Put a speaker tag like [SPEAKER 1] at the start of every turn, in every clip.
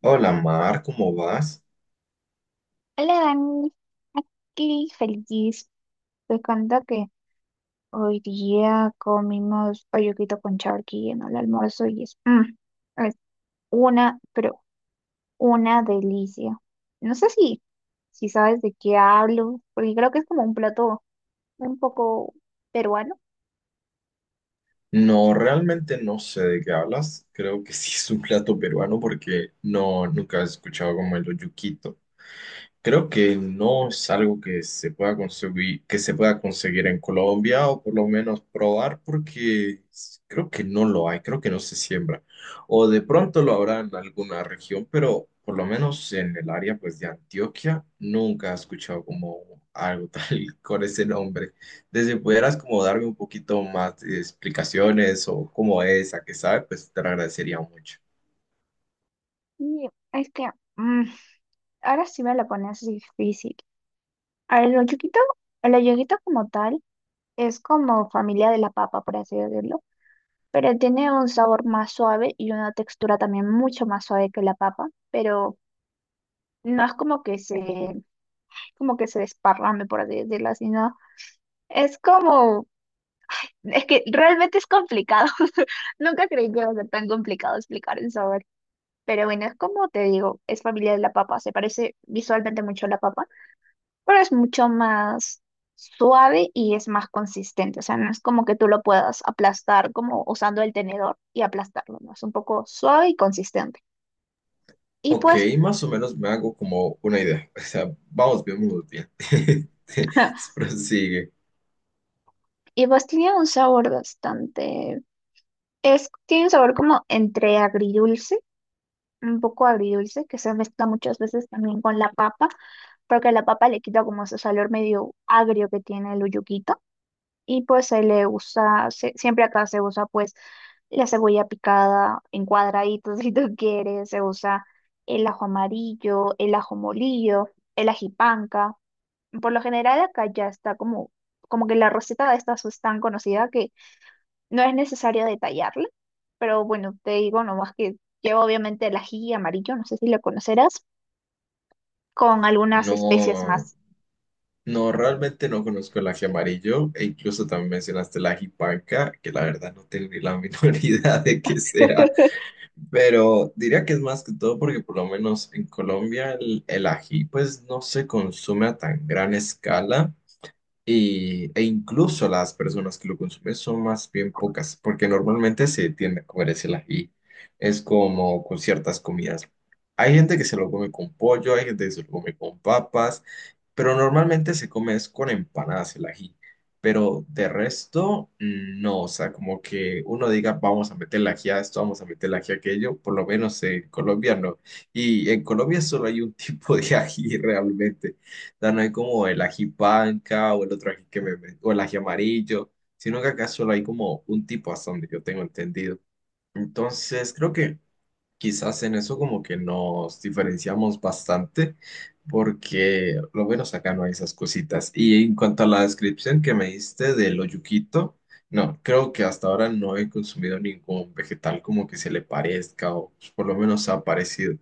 [SPEAKER 1] Hola Mar, ¿cómo vas?
[SPEAKER 2] Hola Dani, aquí feliz. Te cuento que hoy día comimos olluquito con charqui en el almuerzo y es una, pero una delicia. No sé si sabes de qué hablo, porque creo que es como un plato un poco peruano.
[SPEAKER 1] No, realmente no sé de qué hablas. Creo que sí es un plato peruano porque no, nunca he escuchado como el olluquito. Creo que no es algo que se pueda conseguir, que se pueda conseguir en Colombia o por lo menos probar porque creo que no lo hay, creo que no se siembra. O de pronto lo habrá en alguna región, pero por lo menos en el área pues de Antioquia nunca he escuchado como algo tal con ese nombre. Desde pudieras como darme un poquito más de explicaciones o cómo es, a qué sabe, pues te lo agradecería mucho.
[SPEAKER 2] Y es que mm, ahora sí me la pones difícil. El olluquito, el olluquito como tal es como familia de la papa, por así decirlo, pero tiene un sabor más suave y una textura también mucho más suave que la papa, pero no es como que se desparrame, por así decirlo, sino es como, es que realmente es complicado. Nunca creí que iba a ser tan complicado explicar el sabor. Pero bueno, es como te digo, es familia de la papa, se parece visualmente mucho a la papa, pero es mucho más suave y es más consistente, o sea, no es como que tú lo puedas aplastar como usando el tenedor y aplastarlo, ¿no? Es un poco suave y consistente. Y
[SPEAKER 1] Ok,
[SPEAKER 2] pues,
[SPEAKER 1] más o menos me hago como una idea. O sea, vamos bien, vamos bien. Prosigue.
[SPEAKER 2] y pues tenía un sabor bastante, tiene un sabor como entre agridulce, un poco agridulce, que se mezcla muchas veces también con la papa, porque la papa le quita como ese sabor medio agrio que tiene el uyuquito. Y pues se le usa, siempre acá se usa pues la cebolla picada en cuadraditos si tú quieres, se usa el ajo amarillo, el ajo molillo, el ajipanca. Por lo general acá ya está como, como que la receta de estas es tan conocida que no es necesario detallarla, pero bueno, te digo nomás que lleva obviamente el ají amarillo, no sé si lo conocerás, con algunas especies
[SPEAKER 1] No,
[SPEAKER 2] más.
[SPEAKER 1] no, realmente no conozco el ají amarillo e incluso también mencionaste el ají panca, que la verdad no tengo ni la menor idea de qué sea, pero diría que es más que todo porque por lo menos en Colombia el ají pues no se consume a tan gran escala. Y, e incluso las personas que lo consumen son más bien pocas, porque normalmente se tiende a comer ese ají. Es como con ciertas comidas. Hay gente que se lo come con pollo, hay gente que se lo come con papas, pero normalmente se come es con empanadas el ají. Pero de resto, no, o sea, como que uno diga, vamos a meter el ají a esto, vamos a meter el ají a aquello, por lo menos en Colombia no. Y en Colombia solo hay un tipo de ají realmente sea, no hay como el ají panca o el otro ají que o el ají amarillo, sino que acá solo hay como un tipo hasta donde yo tengo entendido. Entonces, creo que quizás en eso como que nos diferenciamos bastante, porque lo menos acá no hay esas cositas. Y en cuanto a la descripción que me diste del oyuquito, no, creo que hasta ahora no he consumido ningún vegetal como que se le parezca o por lo menos ha parecido.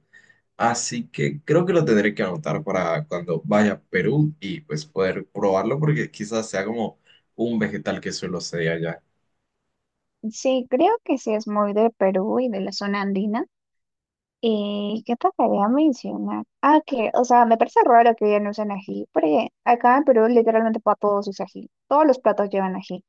[SPEAKER 1] Así que creo que lo tendré que anotar para cuando vaya a Perú y pues poder probarlo porque quizás sea como un vegetal que suelo ser allá.
[SPEAKER 2] Sí, creo que sí es muy de Perú y de la zona andina. ¿Y qué te quería mencionar? Ah, que, o sea, me parece raro que ya no usen ají, porque acá en Perú literalmente para todos usan ají. Todos los platos llevan ají.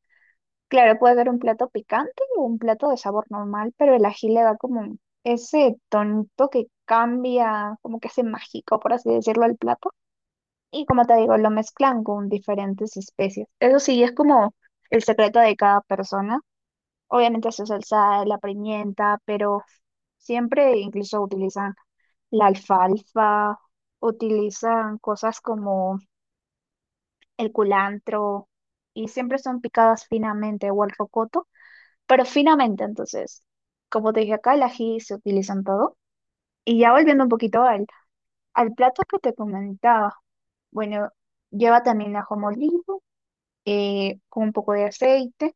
[SPEAKER 2] Claro, puede ser un plato picante o un plato de sabor normal, pero el ají le da como ese tonito que cambia, como que hace mágico, por así decirlo, al plato. Y como te digo, lo mezclan con diferentes especies. Eso sí, es como el secreto de cada persona. Obviamente su salsa, la pimienta, pero siempre incluso utilizan la alfalfa, utilizan cosas como el culantro y siempre son picadas finamente o el rocoto, pero finamente. Entonces, como te dije acá, el ají se utiliza en todo. Y ya volviendo un poquito al plato que te comentaba. Bueno, lleva también ajo molido, con un poco de aceite.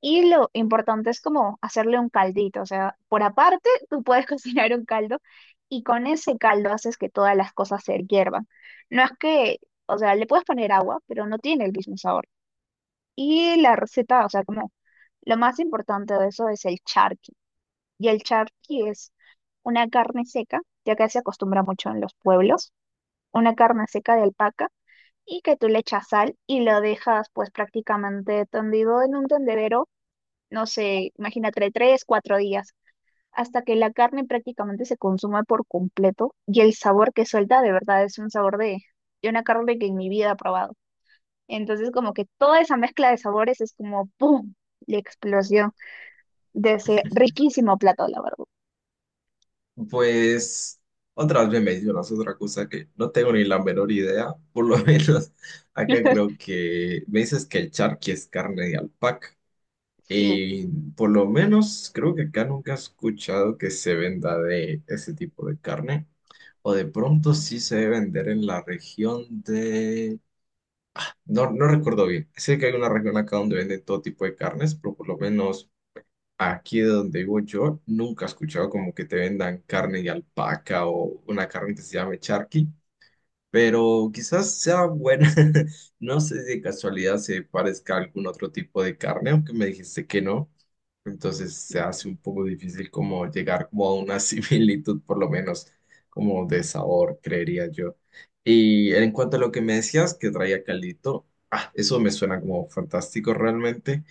[SPEAKER 2] Y lo importante es como hacerle un caldito. O sea, por aparte, tú puedes cocinar un caldo y con ese caldo haces que todas las cosas se hiervan. No es que, o sea, le puedes poner agua, pero no tiene el mismo sabor. Y la receta, o sea, como lo más importante de eso es el charqui. Y el charqui es una carne seca, ya que se acostumbra mucho en los pueblos, una carne seca de alpaca, y que tú le echas sal y lo dejas pues prácticamente tendido en un tendedero, no sé, imagínate 3, 4 días, hasta que la carne prácticamente se consuma por completo, y el sabor que suelta de verdad es un sabor de una carne que en mi vida he probado. Entonces, como que toda esa mezcla de sabores es como ¡pum!, la explosión de ese riquísimo plato, la verdad.
[SPEAKER 1] Pues otra vez me mencionas otra cosa que no tengo ni la menor idea, por lo menos acá creo que me dices que el charqui es carne de alpaca
[SPEAKER 2] Sí.
[SPEAKER 1] y por lo menos creo que acá nunca he escuchado que se venda de ese tipo de carne. O de pronto sí se debe vender en la región de No, no recuerdo bien. Sé que hay una región acá donde venden todo tipo de carnes, pero por lo menos aquí de donde vivo yo nunca he escuchado como que te vendan carne de alpaca o una carne que se llame charqui pero quizás sea buena. No sé si de casualidad se parezca a algún otro tipo de carne, aunque me dijiste que no. Entonces se hace un poco difícil como llegar como a una similitud, por lo menos como de sabor, creería yo. Y en cuanto a lo que me decías que traía caldito, ah, eso me suena como fantástico realmente,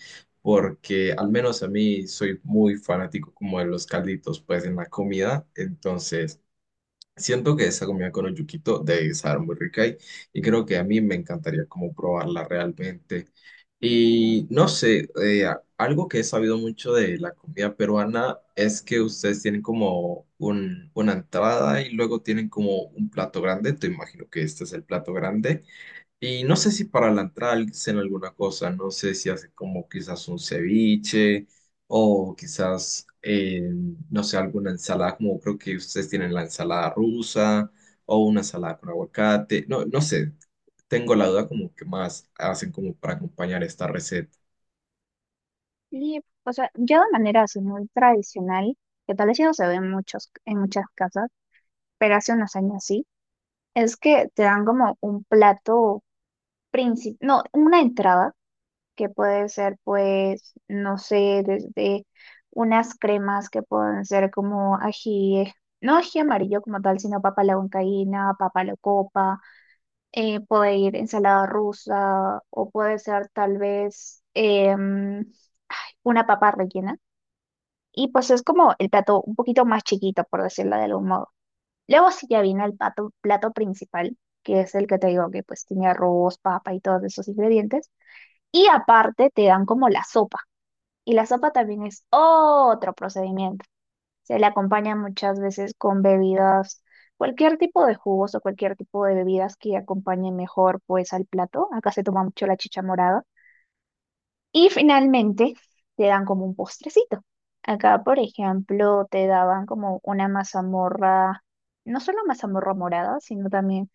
[SPEAKER 1] porque al menos a mí soy muy fanático como de los calditos pues en la comida, entonces... Siento que esa comida con oyuquito debe estar muy rica y creo que a mí me encantaría como probarla realmente. Y no sé, algo que he sabido mucho de la comida peruana es que ustedes tienen como una entrada y luego tienen como un plato grande. Te imagino que este es el plato grande y no sé si para la entrada hacen alguna cosa, no sé si hacen como quizás un ceviche o quizás, no sé, alguna ensalada, como creo que ustedes tienen la ensalada rusa o una ensalada con aguacate, no, no sé, tengo la duda como que más hacen como para acompañar esta receta.
[SPEAKER 2] Y, o sea, ya de manera así muy tradicional, que tal vez ya no se ve en muchas casas, pero hace unos años sí, es que te dan como un plato principal, no, una entrada, que puede ser pues, no sé, desde unas cremas que pueden ser como ají, no ají amarillo como tal, sino papa a la huancaína, papa a la copa, puede ir ensalada rusa, o puede ser tal vez em, una papa rellena. Y pues es como el plato un poquito más chiquito, por decirlo de algún modo. Luego sí ya viene el plato, plato principal, que es el que te digo que pues tiene arroz, papa y todos esos ingredientes. Y aparte te dan como la sopa. Y la sopa también es otro procedimiento. Se le acompaña muchas veces con bebidas, cualquier tipo de jugos o cualquier tipo de bebidas que acompañe mejor pues al plato. Acá se toma mucho la chicha morada, y finalmente te dan como un postrecito. Acá, por ejemplo, te daban como una mazamorra, no solo mazamorra morada, sino también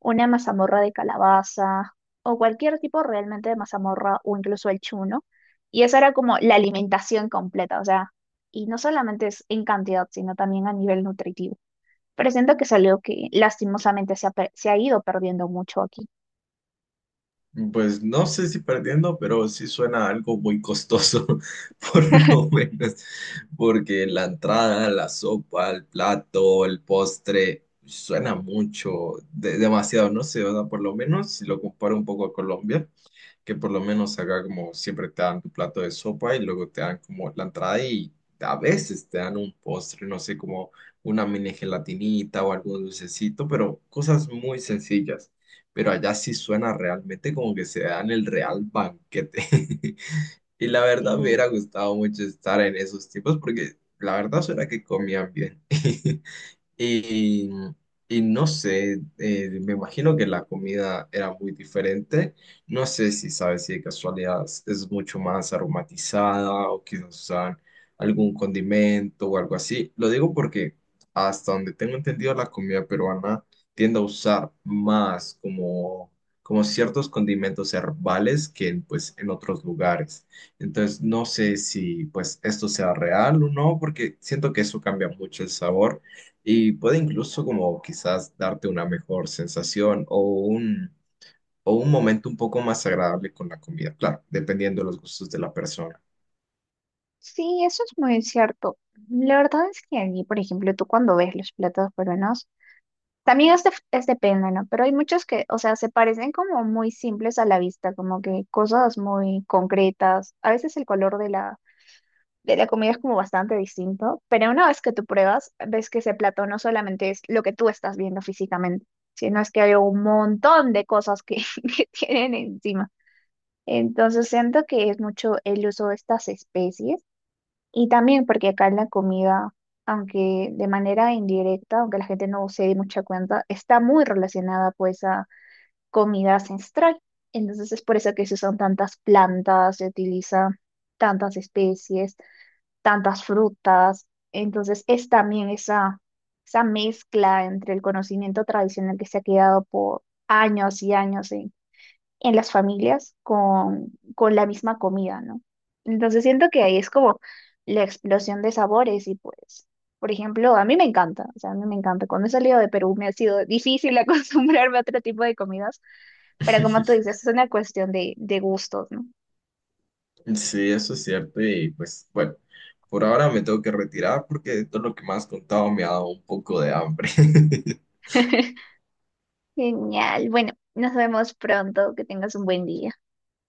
[SPEAKER 2] una mazamorra de calabaza o cualquier tipo realmente de mazamorra o incluso el chuno. Y esa era como la alimentación completa, o sea, y no solamente es en cantidad, sino también a nivel nutritivo. Pero siento que es algo que lastimosamente se ha ido perdiendo mucho aquí.
[SPEAKER 1] Pues no sé si perdiendo, pero sí suena algo muy costoso, por lo menos, porque la entrada, la sopa, el plato, el postre, suena mucho, demasiado, no sé, o sea, por lo menos si lo comparo un poco a Colombia, que por lo menos acá como siempre te dan tu plato de sopa y luego te dan como la entrada y a veces te dan un postre, no sé, como una mini gelatinita o algún dulcecito, pero cosas muy sencillas. Pero allá sí suena realmente como que se dan el real banquete. Y la
[SPEAKER 2] Sí.
[SPEAKER 1] verdad me hubiera gustado mucho estar en esos tiempos porque la verdad suena que comían bien. Y, y no sé, me imagino que la comida era muy diferente. No sé si sabes si de casualidad es mucho más aromatizada o quizás usan algún condimento o algo así. Lo digo porque hasta donde tengo entendido la comida peruana tiende a usar más como, como ciertos condimentos herbales que en, pues, en otros lugares. Entonces no sé si pues esto sea real o no porque siento que eso cambia mucho el sabor y puede incluso como quizás darte una mejor sensación o o un momento un poco más agradable con la comida, claro, dependiendo de los gustos de la persona.
[SPEAKER 2] Sí, eso es muy cierto. La verdad es que aquí, por ejemplo, tú cuando ves los platos peruanos, también es depende, ¿no? Pero hay muchos que, o sea, se parecen como muy simples a la vista, como que cosas muy concretas. A veces el color de de la comida es como bastante distinto, pero una vez que tú pruebas, ves que ese plato no solamente es lo que tú estás viendo físicamente, sino es que hay un montón de cosas que, que tienen encima. Entonces siento que es mucho el uso de estas especies, y también porque acá en la comida, aunque de manera indirecta, aunque la gente no se dé mucha cuenta, está muy relacionada pues a comida ancestral. Entonces es por eso que se usan tantas plantas, se utilizan tantas especies, tantas frutas. Entonces es también esa mezcla entre el conocimiento tradicional que se ha quedado por años y años en las familias con la misma comida, ¿no? Entonces siento que ahí es como la explosión de sabores y pues, por ejemplo, a mí me encanta, o sea, a mí me encanta. Cuando he salido de Perú me ha sido difícil acostumbrarme a otro tipo de comidas, pero como tú dices, es una cuestión de gustos, ¿no?
[SPEAKER 1] Sí, eso es cierto y pues bueno, por ahora me tengo que retirar porque todo lo que me has contado me ha dado un poco de hambre.
[SPEAKER 2] Genial, bueno, nos vemos pronto, que tengas un buen día.